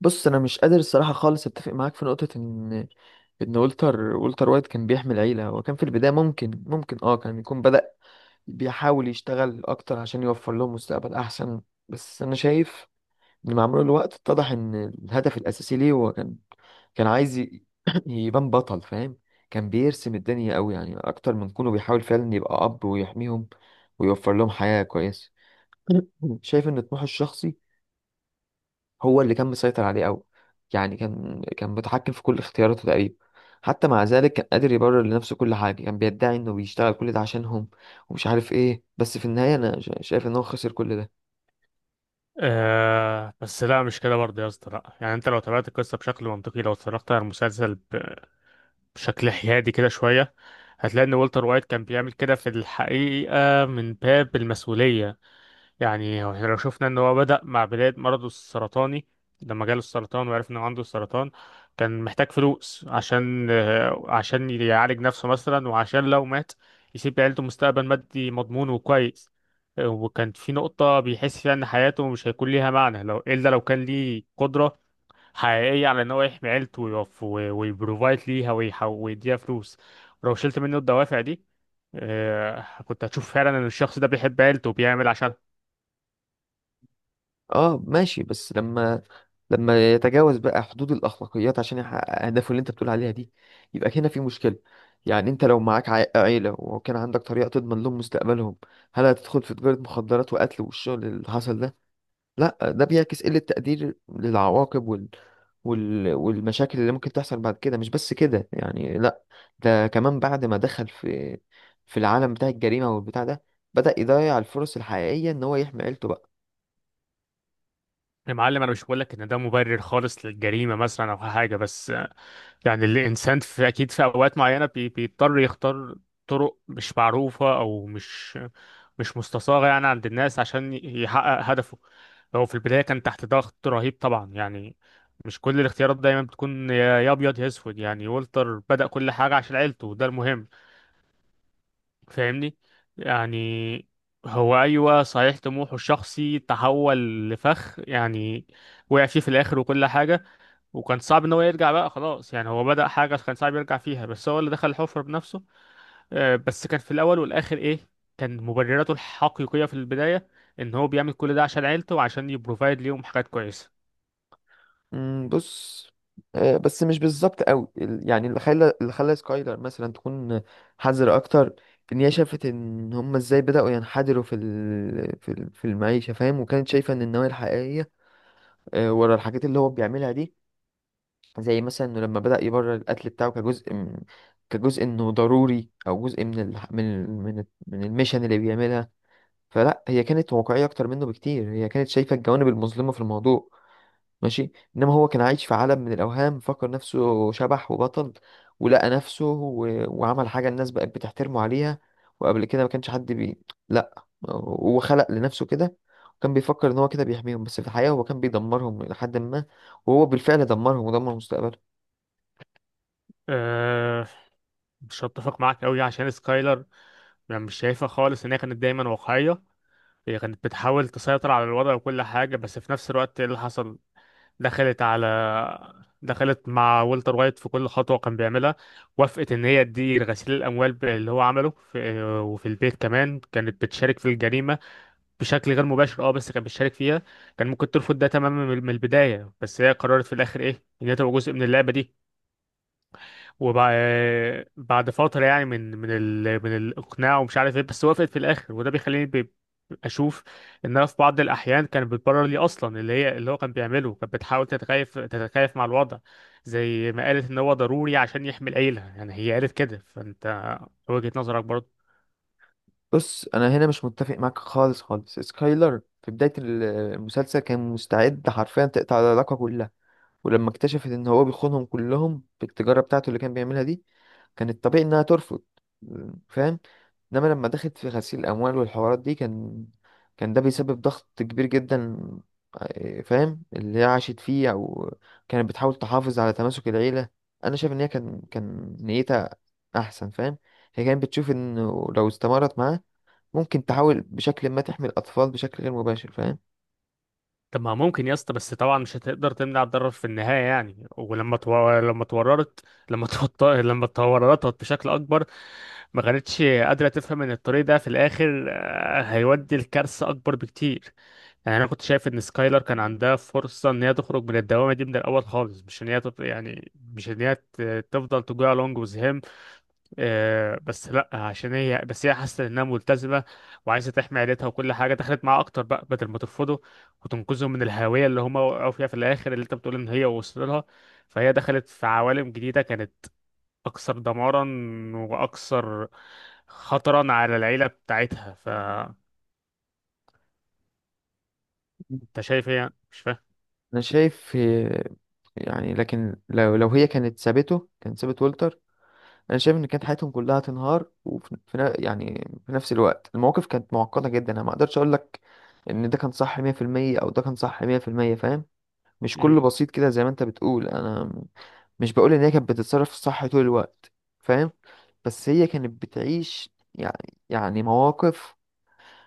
بص، انا مش قادر الصراحه خالص اتفق معاك في نقطه ان والتر وايت كان بيحمل عيله. هو كان في البدايه ممكن كان يكون بدأ بيحاول يشتغل اكتر عشان يوفر لهم مستقبل احسن. بس انا شايف ان مع مرور الوقت اتضح ان الهدف الاساسي ليه هو كان عايز يبان بطل، فاهم. كان بيرسم الدنيا قوي، يعني اكتر من كونه بيحاول فعلا يبقى اب ويحميهم ويوفر لهم حياه كويسه. شايف ان طموحه الشخصي هو اللي كان مسيطر عليه قوي. يعني كان متحكم في كل اختياراته تقريبا. حتى مع ذلك كان قادر يبرر لنفسه كل حاجة. كان بيدعي انه بيشتغل كل ده عشانهم ومش عارف ايه، بس في النهاية انا شايف ان هو خسر كل ده. آه، بس لا، مش كده برضه يا اسطى. لا يعني انت لو تابعت القصه بشكل منطقي، لو اتفرجت على المسلسل بشكل حيادي كده شويه، هتلاقي ان والتر وايت كان بيعمل كده في الحقيقه من باب المسؤوليه. يعني هو احنا لو شفنا ان هو بدأ مع بداية مرضه السرطاني، لما جاله السرطان وعرف انه عنده السرطان، كان محتاج فلوس عشان يعالج نفسه مثلا، وعشان لو مات يسيب لعيلته مستقبل مادي مضمون وكويس. وكان في نقطة بيحس فيها ان حياته مش هيكون ليها معنى لو، الا لو كان ليه قدرة حقيقية على ان هو يحمي عيلته ويقف ويبروفايد ليها، ويديها فلوس. ولو شلت منه الدوافع دي، كنت هتشوف فعلا ان الشخص ده بيحب عيلته وبيعمل عشانها. اه، ماشي، بس لما يتجاوز بقى حدود الأخلاقيات عشان يحقق أهدافه اللي أنت بتقول عليها دي، يبقى هنا في مشكلة. يعني أنت لو معاك عيلة وكان عندك طريقة تضمن لهم مستقبلهم، هل هتدخل في تجارة مخدرات وقتل والشغل اللي حصل ده؟ لا، ده بيعكس قلة تقدير للعواقب والمشاكل اللي ممكن تحصل بعد كده. مش بس كده يعني، لا، ده كمان بعد ما دخل في في العالم بتاع الجريمة والبتاع ده، بدأ يضيع الفرص الحقيقية ان هو يحمي عيلته بقى. يا معلم، انا مش بقول لك ان ده مبرر خالص للجريمه مثلا او حاجه، بس يعني الانسان اكيد في اوقات معينه بيضطر يختار طرق مش معروفه، او مش مستصاغه يعني عند الناس، عشان يحقق هدفه. هو في البدايه كان تحت ضغط رهيب طبعا يعني. مش كل الاختيارات دايما بتكون يا ابيض يا اسود. يعني والتر بدأ كل حاجه عشان عيلته، وده المهم. فاهمني؟ يعني هو، ايوه، صحيح طموحه الشخصي تحول لفخ، يعني وقع فيه في الاخر وكل حاجه، وكان صعب ان هو يرجع بقى خلاص، يعني هو بدأ حاجه كان صعب يرجع فيها، بس هو اللي دخل الحفره بنفسه. بس كان في الاول والاخر ايه؟ كان مبرراته الحقيقيه في البدايه ان هو بيعمل كل ده عشان عيلته، وعشان يبروفايد ليهم حاجات كويسه. مم، بص، آه، بس مش بالظبط قوي يعني اللي خلى سكايلر مثلا تكون حذرة اكتر. ان هي شافت ان هم ازاي بدأوا ينحدروا في المعيشة، فاهم. وكانت شايفة ان النوايا الحقيقية، آه، ورا الحاجات اللي هو بيعملها دي، زي مثلا انه لما بدأ يبرر القتل بتاعه كجزء انه ضروري او جزء من الميشن اللي بيعملها. فلا، هي كانت واقعية اكتر منه بكتير. هي كانت شايفة الجوانب المظلمة في الموضوع، ماشي. انما هو كان عايش في عالم من الاوهام، فكر نفسه شبح وبطل ولقى نفسه، وعمل حاجة الناس بقت بتحترمه عليها، وقبل كده ما كانش حد لا، هو خلق لنفسه كده. وكان بيفكر ان هو كده بيحميهم، بس في الحقيقة هو كان بيدمرهم لحد ما، وهو بالفعل دمرهم ودمر مستقبله. أه، مش هتفق معاك قوي عشان سكايلر. يعني مش شايفها خالص ان هي كانت دايما واقعيه. هي كانت بتحاول تسيطر على الوضع وكل حاجة، بس في نفس الوقت ايه اللي حصل؟ دخلت على دخلت مع والتر وايت في كل خطوة كان بيعملها. وافقت إن هي تدير غسيل الأموال اللي هو عمله وفي البيت كمان، كانت بتشارك في الجريمة بشكل غير مباشر، اه، بس كانت بتشارك فيها. كان ممكن ترفض ده تماما من البداية، بس هي قررت في الآخر إيه، إن هي تبقى جزء من اللعبة دي. وبعد فترة يعني من الإقناع ومش عارف إيه، بس وافقت في الآخر. وده بيخليني أشوف إن أنا في بعض الأحيان كانت بتبرر لي أصلا، اللي هو كان بيعمله، كانت بتحاول تتكيف مع الوضع. زي ما قالت إن هو ضروري عشان يحمي العيلة، يعني هي قالت كده، فأنت وجهة نظرك برضه. بص، انا هنا مش متفق معاك خالص خالص. سكايلر في بداية المسلسل كان مستعد حرفيا تقطع العلاقة كلها. ولما اكتشفت ان هو بيخونهم كلهم بالتجارة بتاعته اللي كان بيعملها دي، كان الطبيعي انها ترفض، فاهم. انما لما دخلت في غسيل الاموال والحوارات دي، كان ده بيسبب ضغط كبير جدا، آه، فاهم، اللي هي عاشت فيه. او كانت بتحاول تحافظ على تماسك العيلة. انا شايف ان هي كان نيتها احسن، فاهم. هي كانت بتشوف انه لو استمرت معاه، ممكن تحاول بشكل ما تحمي الأطفال بشكل غير مباشر، فاهم. طب ما ممكن يا اسطى، بس طبعا مش هتقدر تمنع الضرر في النهاية يعني. ولما تو... لما اتورطت لما لما اتورطت بشكل أكبر، ما كانتش قادرة تفهم إن الطريق ده في الآخر، هيودي لكارثة أكبر بكتير. يعني أنا كنت شايف إن سكايلر كان عندها فرصة إن هي تخرج من الدوامة دي من الأول خالص، مش إن هي تط... يعني مش إن هي ت- تفضل تجوع لونج وذ هيم. بس لا، عشان هي، بس هي حاسه انها ملتزمه وعايزه تحمي عيلتها وكل حاجه، دخلت معاه اكتر بقى بدل ما ترفضه وتنقذهم من الهاويه اللي هم وقعوا فيها في الاخر، اللي انت بتقول ان هي وصل لها. فهي دخلت في عوالم جديده كانت اكثر دمارا، واكثر خطرا على العيله بتاعتها. فانت شايف هي، مش فاهم. أنا شايف، آه، يعني لكن لو هي كانت سابته، كان سابت والتر. أنا شايف إن كانت حياتهم كلها تنهار. وفي يعني في نفس الوقت المواقف كانت معقدة جدا. أنا ما أقدرش أقول لك إن ده كان صح 100% أو ده كان صح 100%، فاهم. مش مم. كله بسيط كده زي ما أنت بتقول. أنا مش بقول إن هي كانت بتتصرف صح طول الوقت، فاهم. بس هي كانت بتعيش يعني يعني مواقف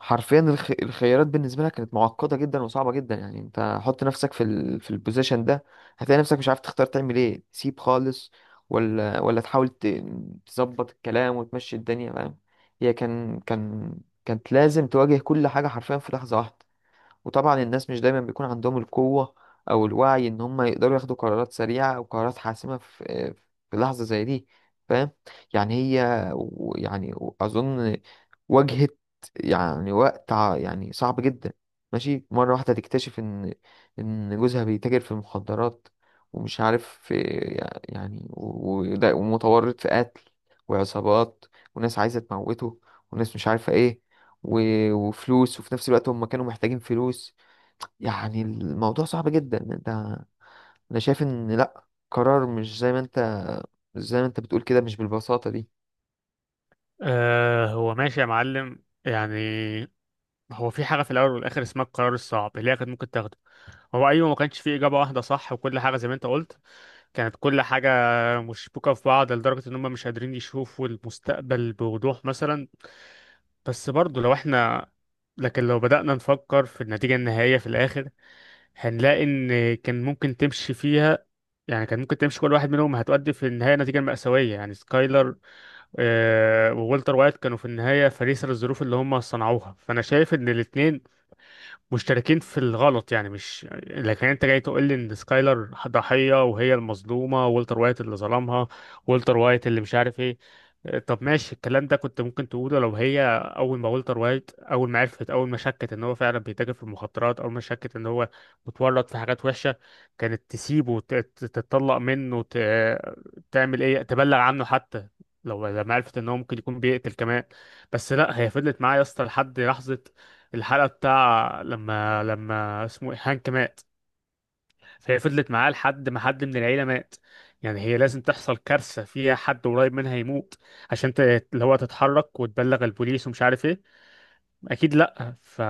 حرفيا. الخيارات بالنسبه لها كانت معقده جدا وصعبه جدا. يعني انت حط نفسك في البوزيشن ده، هتلاقي نفسك مش عارف تختار تعمل ايه، تسيب خالص ولا تحاول تظبط الكلام وتمشي الدنيا، فاهم. هي كانت لازم تواجه كل حاجه حرفيا في لحظه واحده. وطبعا الناس مش دايما بيكون عندهم القوة أو الوعي إن هم يقدروا ياخدوا قرارات سريعة أو قرارات حاسمة في في لحظة زي دي، فاهم. يعني هي يعني أظن واجهت يعني وقت يعني صعب جدا، ماشي. مرة واحدة تكتشف إن إن جوزها بيتاجر في المخدرات ومش عارف في، يعني ومتورط في قتل وعصابات وناس عايزة تموته وناس مش عارفة إيه، وفلوس، وفي نفس الوقت هم كانوا محتاجين فلوس. يعني الموضوع صعب جدا يعني انت. انا شايف ان لا، قرار مش زي ما انت، مش زي ما انت بتقول كده، مش بالبساطة دي. آه، هو ماشي يا معلم يعني. هو في حاجه في الاول والاخر اسمها القرار الصعب اللي هي كانت ممكن تاخده. هو ايوه، ما كانش فيه اجابه واحده صح وكل حاجه، زي ما انت قلت، كانت كل حاجه مشبوكه في بعض لدرجه ان هم مش قادرين يشوفوا المستقبل بوضوح مثلا. بس برضه لو احنا لكن لو بدأنا نفكر في النتيجه النهائيه في الاخر، هنلاقي ان كان ممكن تمشي فيها. يعني كان ممكن تمشي كل واحد منهم هتؤدي في النهايه نتيجه مأساويه. يعني سكايلر وولتر وايت كانوا في النهايه فريسه للظروف اللي هم صنعوها. فانا شايف ان الاثنين مشتركين في الغلط. يعني مش، لكن انت جاي تقول لي ان سكايلر ضحية وهي المظلومة، والتر وايت اللي ظلمها، والتر وايت اللي مش عارف ايه. اه، طب ماشي. الكلام ده كنت ممكن تقوله لو هي اول ما والتر وايت اول ما شكت ان هو فعلا بيتاجر في المخدرات، اول ما شكت ان هو متورط في حاجات وحشة، كانت تسيبه تتطلق منه، تعمل ايه، تبلغ عنه حتى، لو لما عرفت ان هو ممكن يكون بيقتل كمان. بس لا، هي فضلت معاه يا اسطى لحد لحظة الحلقة بتاع لما اسمه إيه؟ هانك مات. فهي فضلت معاه لحد ما حد من العيلة مات. يعني هي لازم تحصل كارثة فيها حد قريب منها يموت، عشان اللي هو تتحرك وتبلغ البوليس ومش عارف ايه، اكيد لا.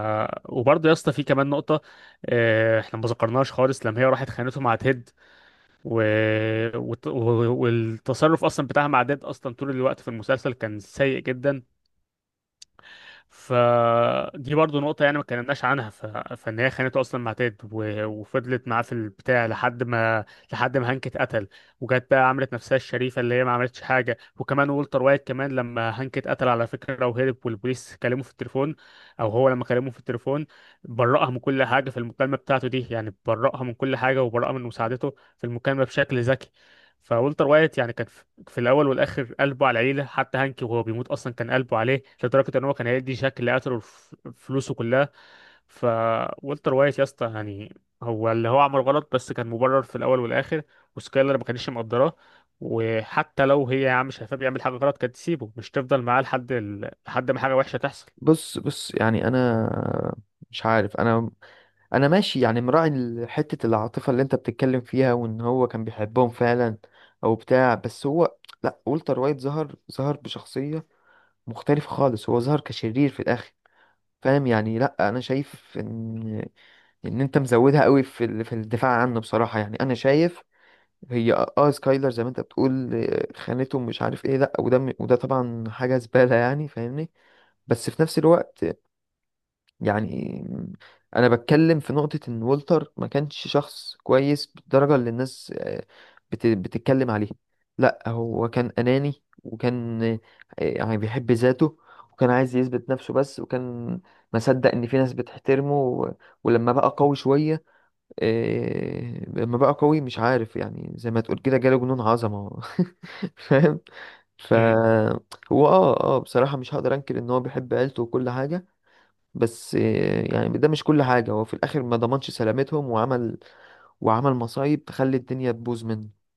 وبرضه يا اسطى في كمان نقطة احنا ما ذكرناهاش خالص، لما هي راحت خانته مع تيد و... وت- و... والتصرف اصلا بتاعها مع تيد، اصلا طول الوقت في المسلسل كان سيء جدا. فدي برضو نقطة يعني ما اتكلمناش عنها فإن هي خانته أصلا مع تيد وفضلت معاه في البتاع لحد ما هانك اتقتل. وجت بقى عملت نفسها الشريفة اللي هي ما عملتش حاجة. وكمان والتر وايت كمان لما هانك اتقتل، على فكرة، وهرب والبوليس كلمه في التليفون، أو هو لما كلمه في التليفون، برأها من كل حاجة في المكالمة بتاعته دي. يعني برأها من كل حاجة، وبرأها من مساعدته في المكالمة بشكل ذكي. فولتر وايت يعني كان في في الاول والاخر قلبه على العيله، حتى هانكي وهو بيموت اصلا كان قلبه عليه لدرجه ان هو كان هيدي جاك اللي قتله فلوسه كلها. فولتر وايت يا اسطى، يعني هو اللي هو عمل غلط بس كان مبرر في الاول والاخر. وسكايلر ما كانتش مقدراه. وحتى لو هي يا عم شايفاه بيعمل حاجه غلط، كانت تسيبه، مش تفضل معاه لحد لحد ما حاجه وحشه تحصل. بص بص، يعني انا مش عارف، انا، انا ماشي يعني مراعي حتة العاطفة اللي انت بتتكلم فيها وان هو كان بيحبهم فعلا او بتاع، بس هو، لا، والتر وايت ظهر بشخصية مختلفة خالص. هو ظهر كشرير في الاخر، فاهم. يعني لا، انا شايف ان ان انت مزودها قوي في الدفاع عنه بصراحة. يعني انا شايف هي اه، آه، سكايلر زي ما انت بتقول آه، خانته مش عارف ايه، لا، وده طبعا حاجه زباله يعني، فاهمني. بس في نفس الوقت، يعني انا بتكلم في نقطه ان والتر ما كانش شخص كويس بالدرجه اللي الناس آه، بتتكلم عليه. لا، هو كان اناني وكان آه، يعني بيحب ذاته وكان عايز يثبت نفسه بس. وكان مصدق ان في ناس بتحترمه ولما بقى قوي شويه، إيه، لما بقى قوي، مش عارف، يعني زي ما تقول كده جاله جنون عظمة. فاهم. ف هو اه اه بصراحة مش هقدر انكر ان هو بيحب عيلته وكل حاجة. بس إيه، يعني ده مش كل حاجة. هو في الاخر ما ضمنش سلامتهم، وعمل وعمل مصايب تخلي الدنيا تبوظ منه.